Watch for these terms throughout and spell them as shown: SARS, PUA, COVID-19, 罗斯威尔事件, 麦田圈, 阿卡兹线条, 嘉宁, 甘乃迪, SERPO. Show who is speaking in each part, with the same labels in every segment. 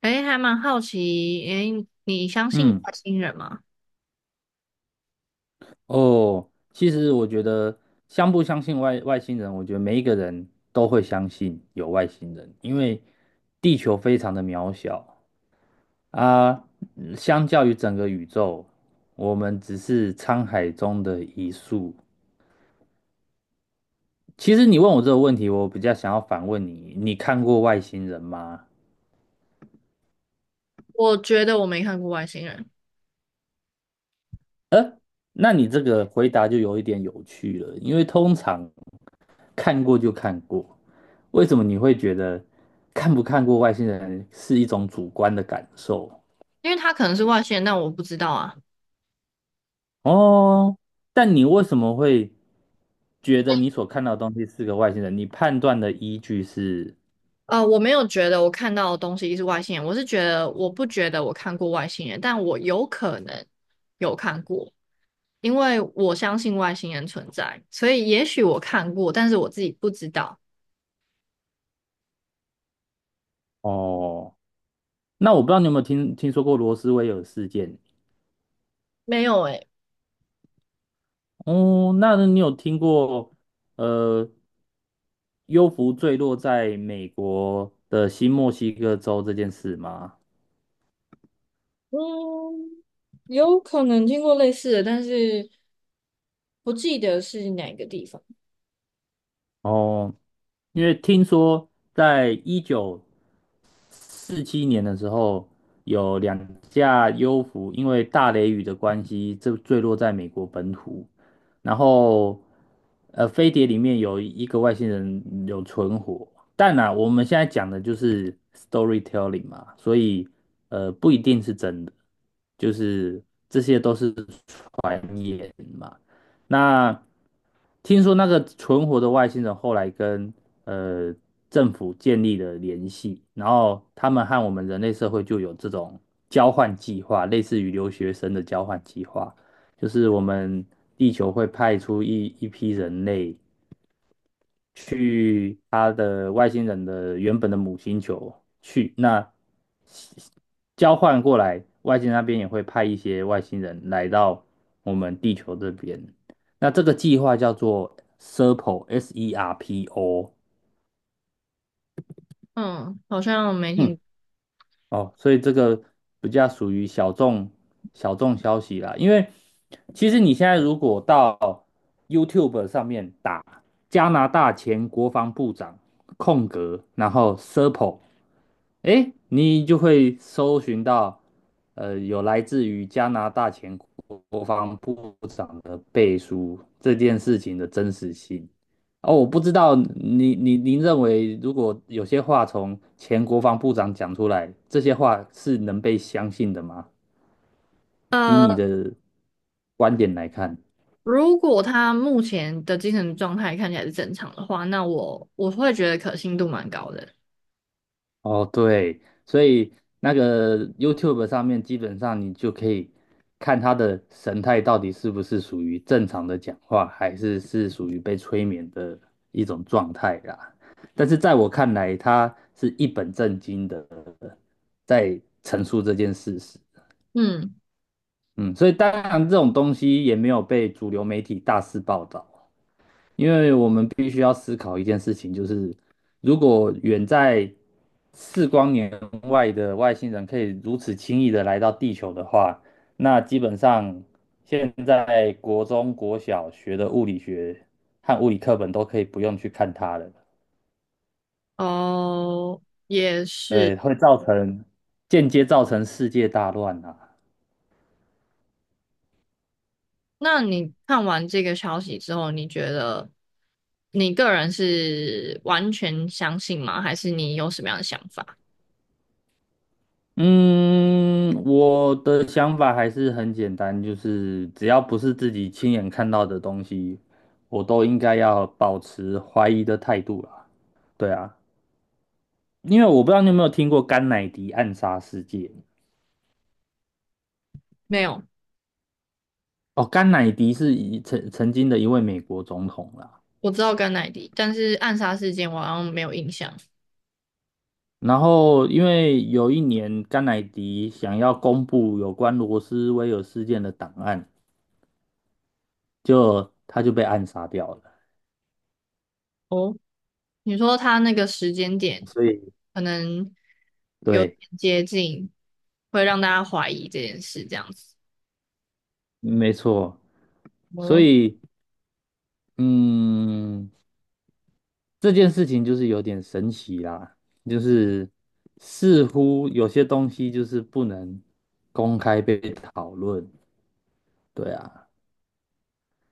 Speaker 1: 诶，还蛮好奇，诶，你相信
Speaker 2: 嗯，
Speaker 1: 外星人吗？
Speaker 2: 哦，其实我觉得相不相信外星人，我觉得每一个人都会相信有外星人，因为地球非常的渺小啊，相较于整个宇宙，我们只是沧海中的一粟。其实你问我这个问题，我比较想要反问你，你看过外星人吗？
Speaker 1: 我觉得我没看过外星人，
Speaker 2: 那你这个回答就有一点有趣了，因为通常看过就看过。为什么你会觉得看不看过外星人是一种主观的感受？
Speaker 1: 因为他可能是外星人，但我不知道啊。
Speaker 2: 哦，但你为什么会觉得你所看到的东西是个外星人？你判断的依据是
Speaker 1: 我没有觉得我看到的东西是外星人，我是觉得我不觉得我看过外星人，但我有可能有看过，因为我相信外星人存在，所以也许我看过，但是我自己不知道。
Speaker 2: 哦，那我不知道你有没有听说过罗斯威尔事件？
Speaker 1: 没有诶，
Speaker 2: 哦，那你有听过呃幽浮坠落在美国的新墨西哥州这件事吗？
Speaker 1: 嗯，有可能听过类似的，但是不记得是哪个地方。
Speaker 2: 哦，因为听说在1947年的时候，有两架 U 服因为大雷雨的关系，这坠落在美国本土。然后，飞碟里面有一个外星人有存活，但呢，我们现在讲的就是 storytelling 嘛，所以不一定是真的，就是这些都是那听说那个存活的外星人后来跟呃政府建立了联系，然后他们和我们人类社会就有这种交换计划，类似于留学生的交换计划，就是我们地球会派出一批人类，去他的外星人的原本的母星球去，那交换过来，外星那边也会派一些外星人来到我们地球这边。那这个计划叫做 SERPO，S E R P O，S E R P
Speaker 1: 嗯，好像没
Speaker 2: O。
Speaker 1: 听过。
Speaker 2: 哦，所以这个比较属于小众消息啦。因为其实你现在如果到 YouTube 上面打加拿大前国防部长空格，然后 Serpo，哎，你就会搜寻到有来自于加拿大前国防部长的背书这件事情的真实性。哦，我不知道您认为，如果有些话从前国防部长讲出来，这些话是能被相信的吗？以你
Speaker 1: 呃
Speaker 2: 的观点来看，
Speaker 1: 如果他目前的精神状态看起来是正常的话，那我会觉得可信度蛮高的。
Speaker 2: 哦，对，所以那个 YouTube 上面基本上你就可以看他的神态到底是不是属于正常的讲话，还是是属于被催眠的一种状态啦。但是在我看来，他是一本正经的在陈述这件事实。
Speaker 1: 嗯，
Speaker 2: 嗯，所以当然这种东西也没有被主流媒体大肆报道，因为我们必须要思考一件事情，就是如果远在4光年外的外星人可以如此轻易的来到地球的话，那基本上现在国中国小学的物理学和物理课本都可以不用去看它了，
Speaker 1: 哦，也是。
Speaker 2: 对，会造成间接造成世界大乱啊。
Speaker 1: 那你看完这个消息之后，你觉得你个人是完全相信吗？还是你有什么样的想法？
Speaker 2: 嗯，我的想法还是很简单，就是只要不是自己亲眼看到的东西，我都应该要保持怀疑的态度啦。对啊，因为我不知道你有没有听过甘乃迪暗杀事件。
Speaker 1: 没有，
Speaker 2: 哦，甘乃迪是曾经的一位美国总统啦。
Speaker 1: 我知道甘乃迪，但是暗杀事件我好像没有印象。
Speaker 2: 然后，因为有一年甘乃迪想要公布有关罗斯威尔事件的档案，就他就被暗杀掉了。
Speaker 1: 哦，你说他那个时间点
Speaker 2: 所以，
Speaker 1: 可能有点
Speaker 2: 对。
Speaker 1: 接近，会让大家怀疑这件事，这样子。
Speaker 2: 没错，所
Speaker 1: 嗯，
Speaker 2: 以嗯，这件事情就是有点神奇啦，就是似乎有些东西就是不能公开被讨论，对啊。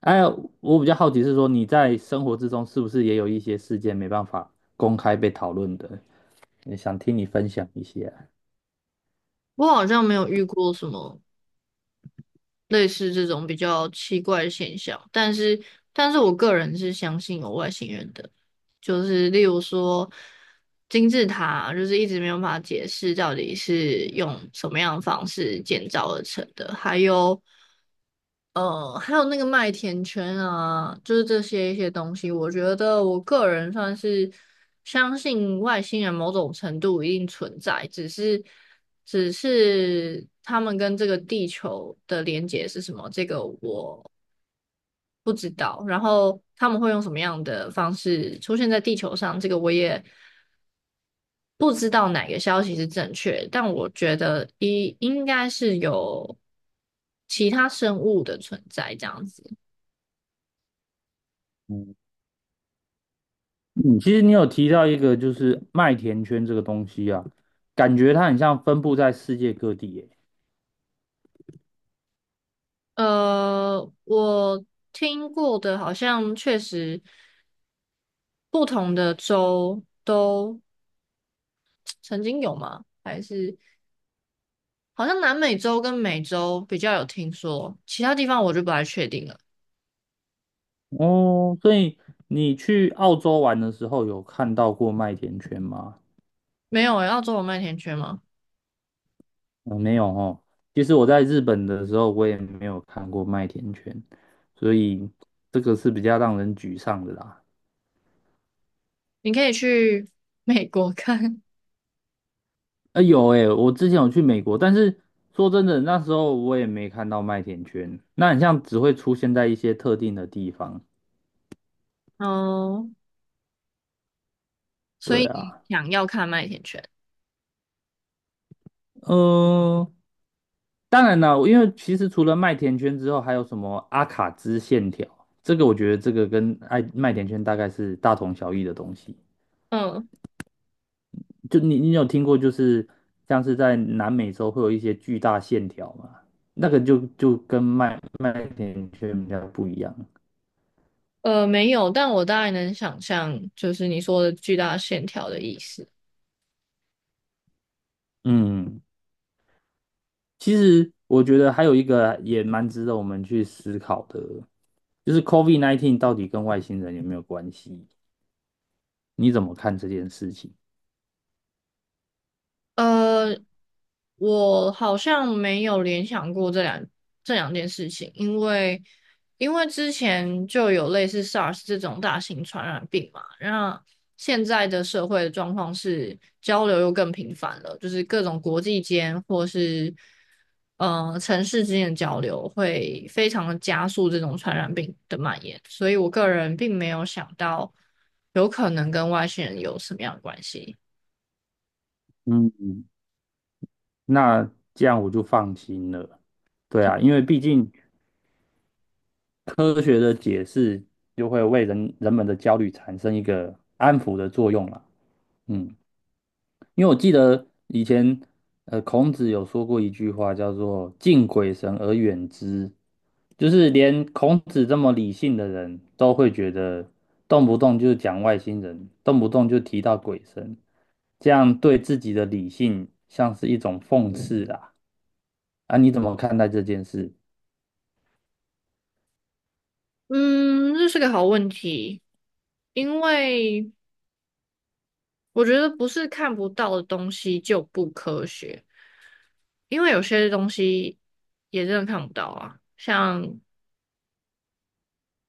Speaker 2: 哎，我比较好奇是说你在生活之中是不是也有一些事件没办法公开被讨论的？也想听你分享一些啊。
Speaker 1: 我好像没有遇过什么类似这种比较奇怪的现象，但是，但是我个人是相信有外星人的，就是例如说金字塔，就是一直没有办法解释到底是用什么样的方式建造而成的，还有还有那个麦田圈啊，就是这些一些东西，我觉得我个人算是相信外星人某种程度一定存在，只是他们跟这个地球的连接是什么，这个我不知道。然后他们会用什么样的方式出现在地球上，这个我也不知道哪个消息是正确，但我觉得一应该是有其他生物的存在这样子。
Speaker 2: 嗯，嗯其实你有提到一个就是麦田圈这个东西啊，感觉它很像分布在世界各地耶。
Speaker 1: 呃，我听过的好像确实不同的州都曾经有吗？还是好像南美洲跟美洲比较有听说，其他地方我就不太确定了。
Speaker 2: 哦，所以你去澳洲玩的时候有看到过麦田圈吗？
Speaker 1: 没有诶，澳洲有麦田圈吗？
Speaker 2: 嗯，没有哦。其实我在日本的时候，我也没有看过麦田圈，所以这个是比较让人沮丧的啦。
Speaker 1: 你可以去 美国看
Speaker 2: 啊、有诶、我之前有去美国，但是说真的，那时候我也没看到麦田圈，那很像只会出现在一些特定的地方。
Speaker 1: 哦。所
Speaker 2: 对
Speaker 1: 以你
Speaker 2: 啊，
Speaker 1: 想要看麦田圈？
Speaker 2: 嗯、当然了，因为其实除了麦田圈之后，还有什么阿卡兹线条，这个我觉得这个跟爱麦田圈大概是大同小异的东西。
Speaker 1: 嗯，
Speaker 2: 就你有听过，就是像是在南美洲会有一些巨大线条嘛，那个就跟麦田圈比较不一样。
Speaker 1: 呃，没有，但我大概能想象，就是你说的巨大线条的意思。
Speaker 2: 嗯，其实我觉得还有一个也蛮值得我们去思考的，就是 COVID-19 到底跟外星人有没有关系？你怎么看这件事情？
Speaker 1: 呃，我好像没有联想过这两件事情，因为因为之前就有类似 SARS 这种大型传染病嘛，那现在的社会的状况是交流又更频繁了，就是各种国际间或是城市之间的交流会非常的加速这种传染病的蔓延，所以我个人并没有想到有可能跟外星人有什么样的关系。
Speaker 2: 嗯。那这样我就放心了。对啊，因为毕竟科学的解释就会为人们的焦虑产生一个安抚的作用啦。嗯，因为我记得以前孔子有说过一句话叫做"敬鬼神而远之"，就是连孔子这么理性的人都会觉得动不动就讲外星人，动不动就提到鬼神，这样对自己的理性像是一种讽刺啦。啊，你怎么看待这件事？
Speaker 1: 嗯，这是个好问题，因为我觉得不是看不到的东西就不科学，因为有些东西也真的看不到啊，像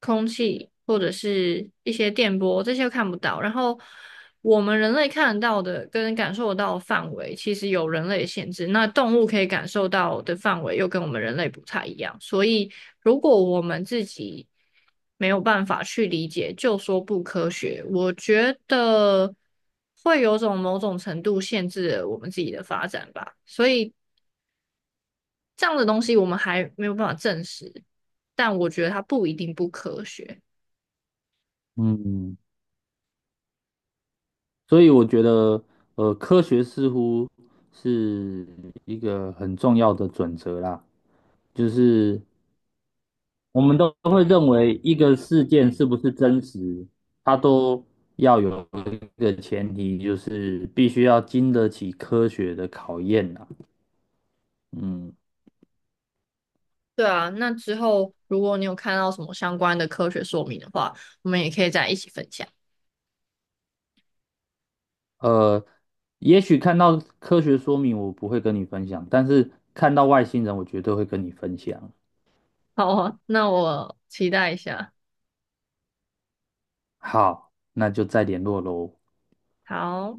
Speaker 1: 空气或者是一些电波，这些都看不到。然后我们人类看得到的跟感受得到的范围，其实有人类的限制。那动物可以感受到的范围又跟我们人类不太一样，所以如果我们自己没有办法去理解，就说不科学，我觉得会有种某种程度限制了我们自己的发展吧。所以这样的东西我们还没有办法证实，但我觉得它不一定不科学。
Speaker 2: 嗯，所以我觉得，科学似乎是一个很重要的准则啦，就是我们都会认为一个事件是不是真实，它都要有一个前提，就是必须要经得起科学的考验啦。嗯，
Speaker 1: 对啊，那之后如果你有看到什么相关的科学说明的话，我们也可以再一起分享。
Speaker 2: 呃，也许看到科学说明我不会跟你分享，但是看到外星人我绝对会跟你分享。
Speaker 1: 好啊，那我期待一下。
Speaker 2: 好，那就再联络喽。
Speaker 1: 好。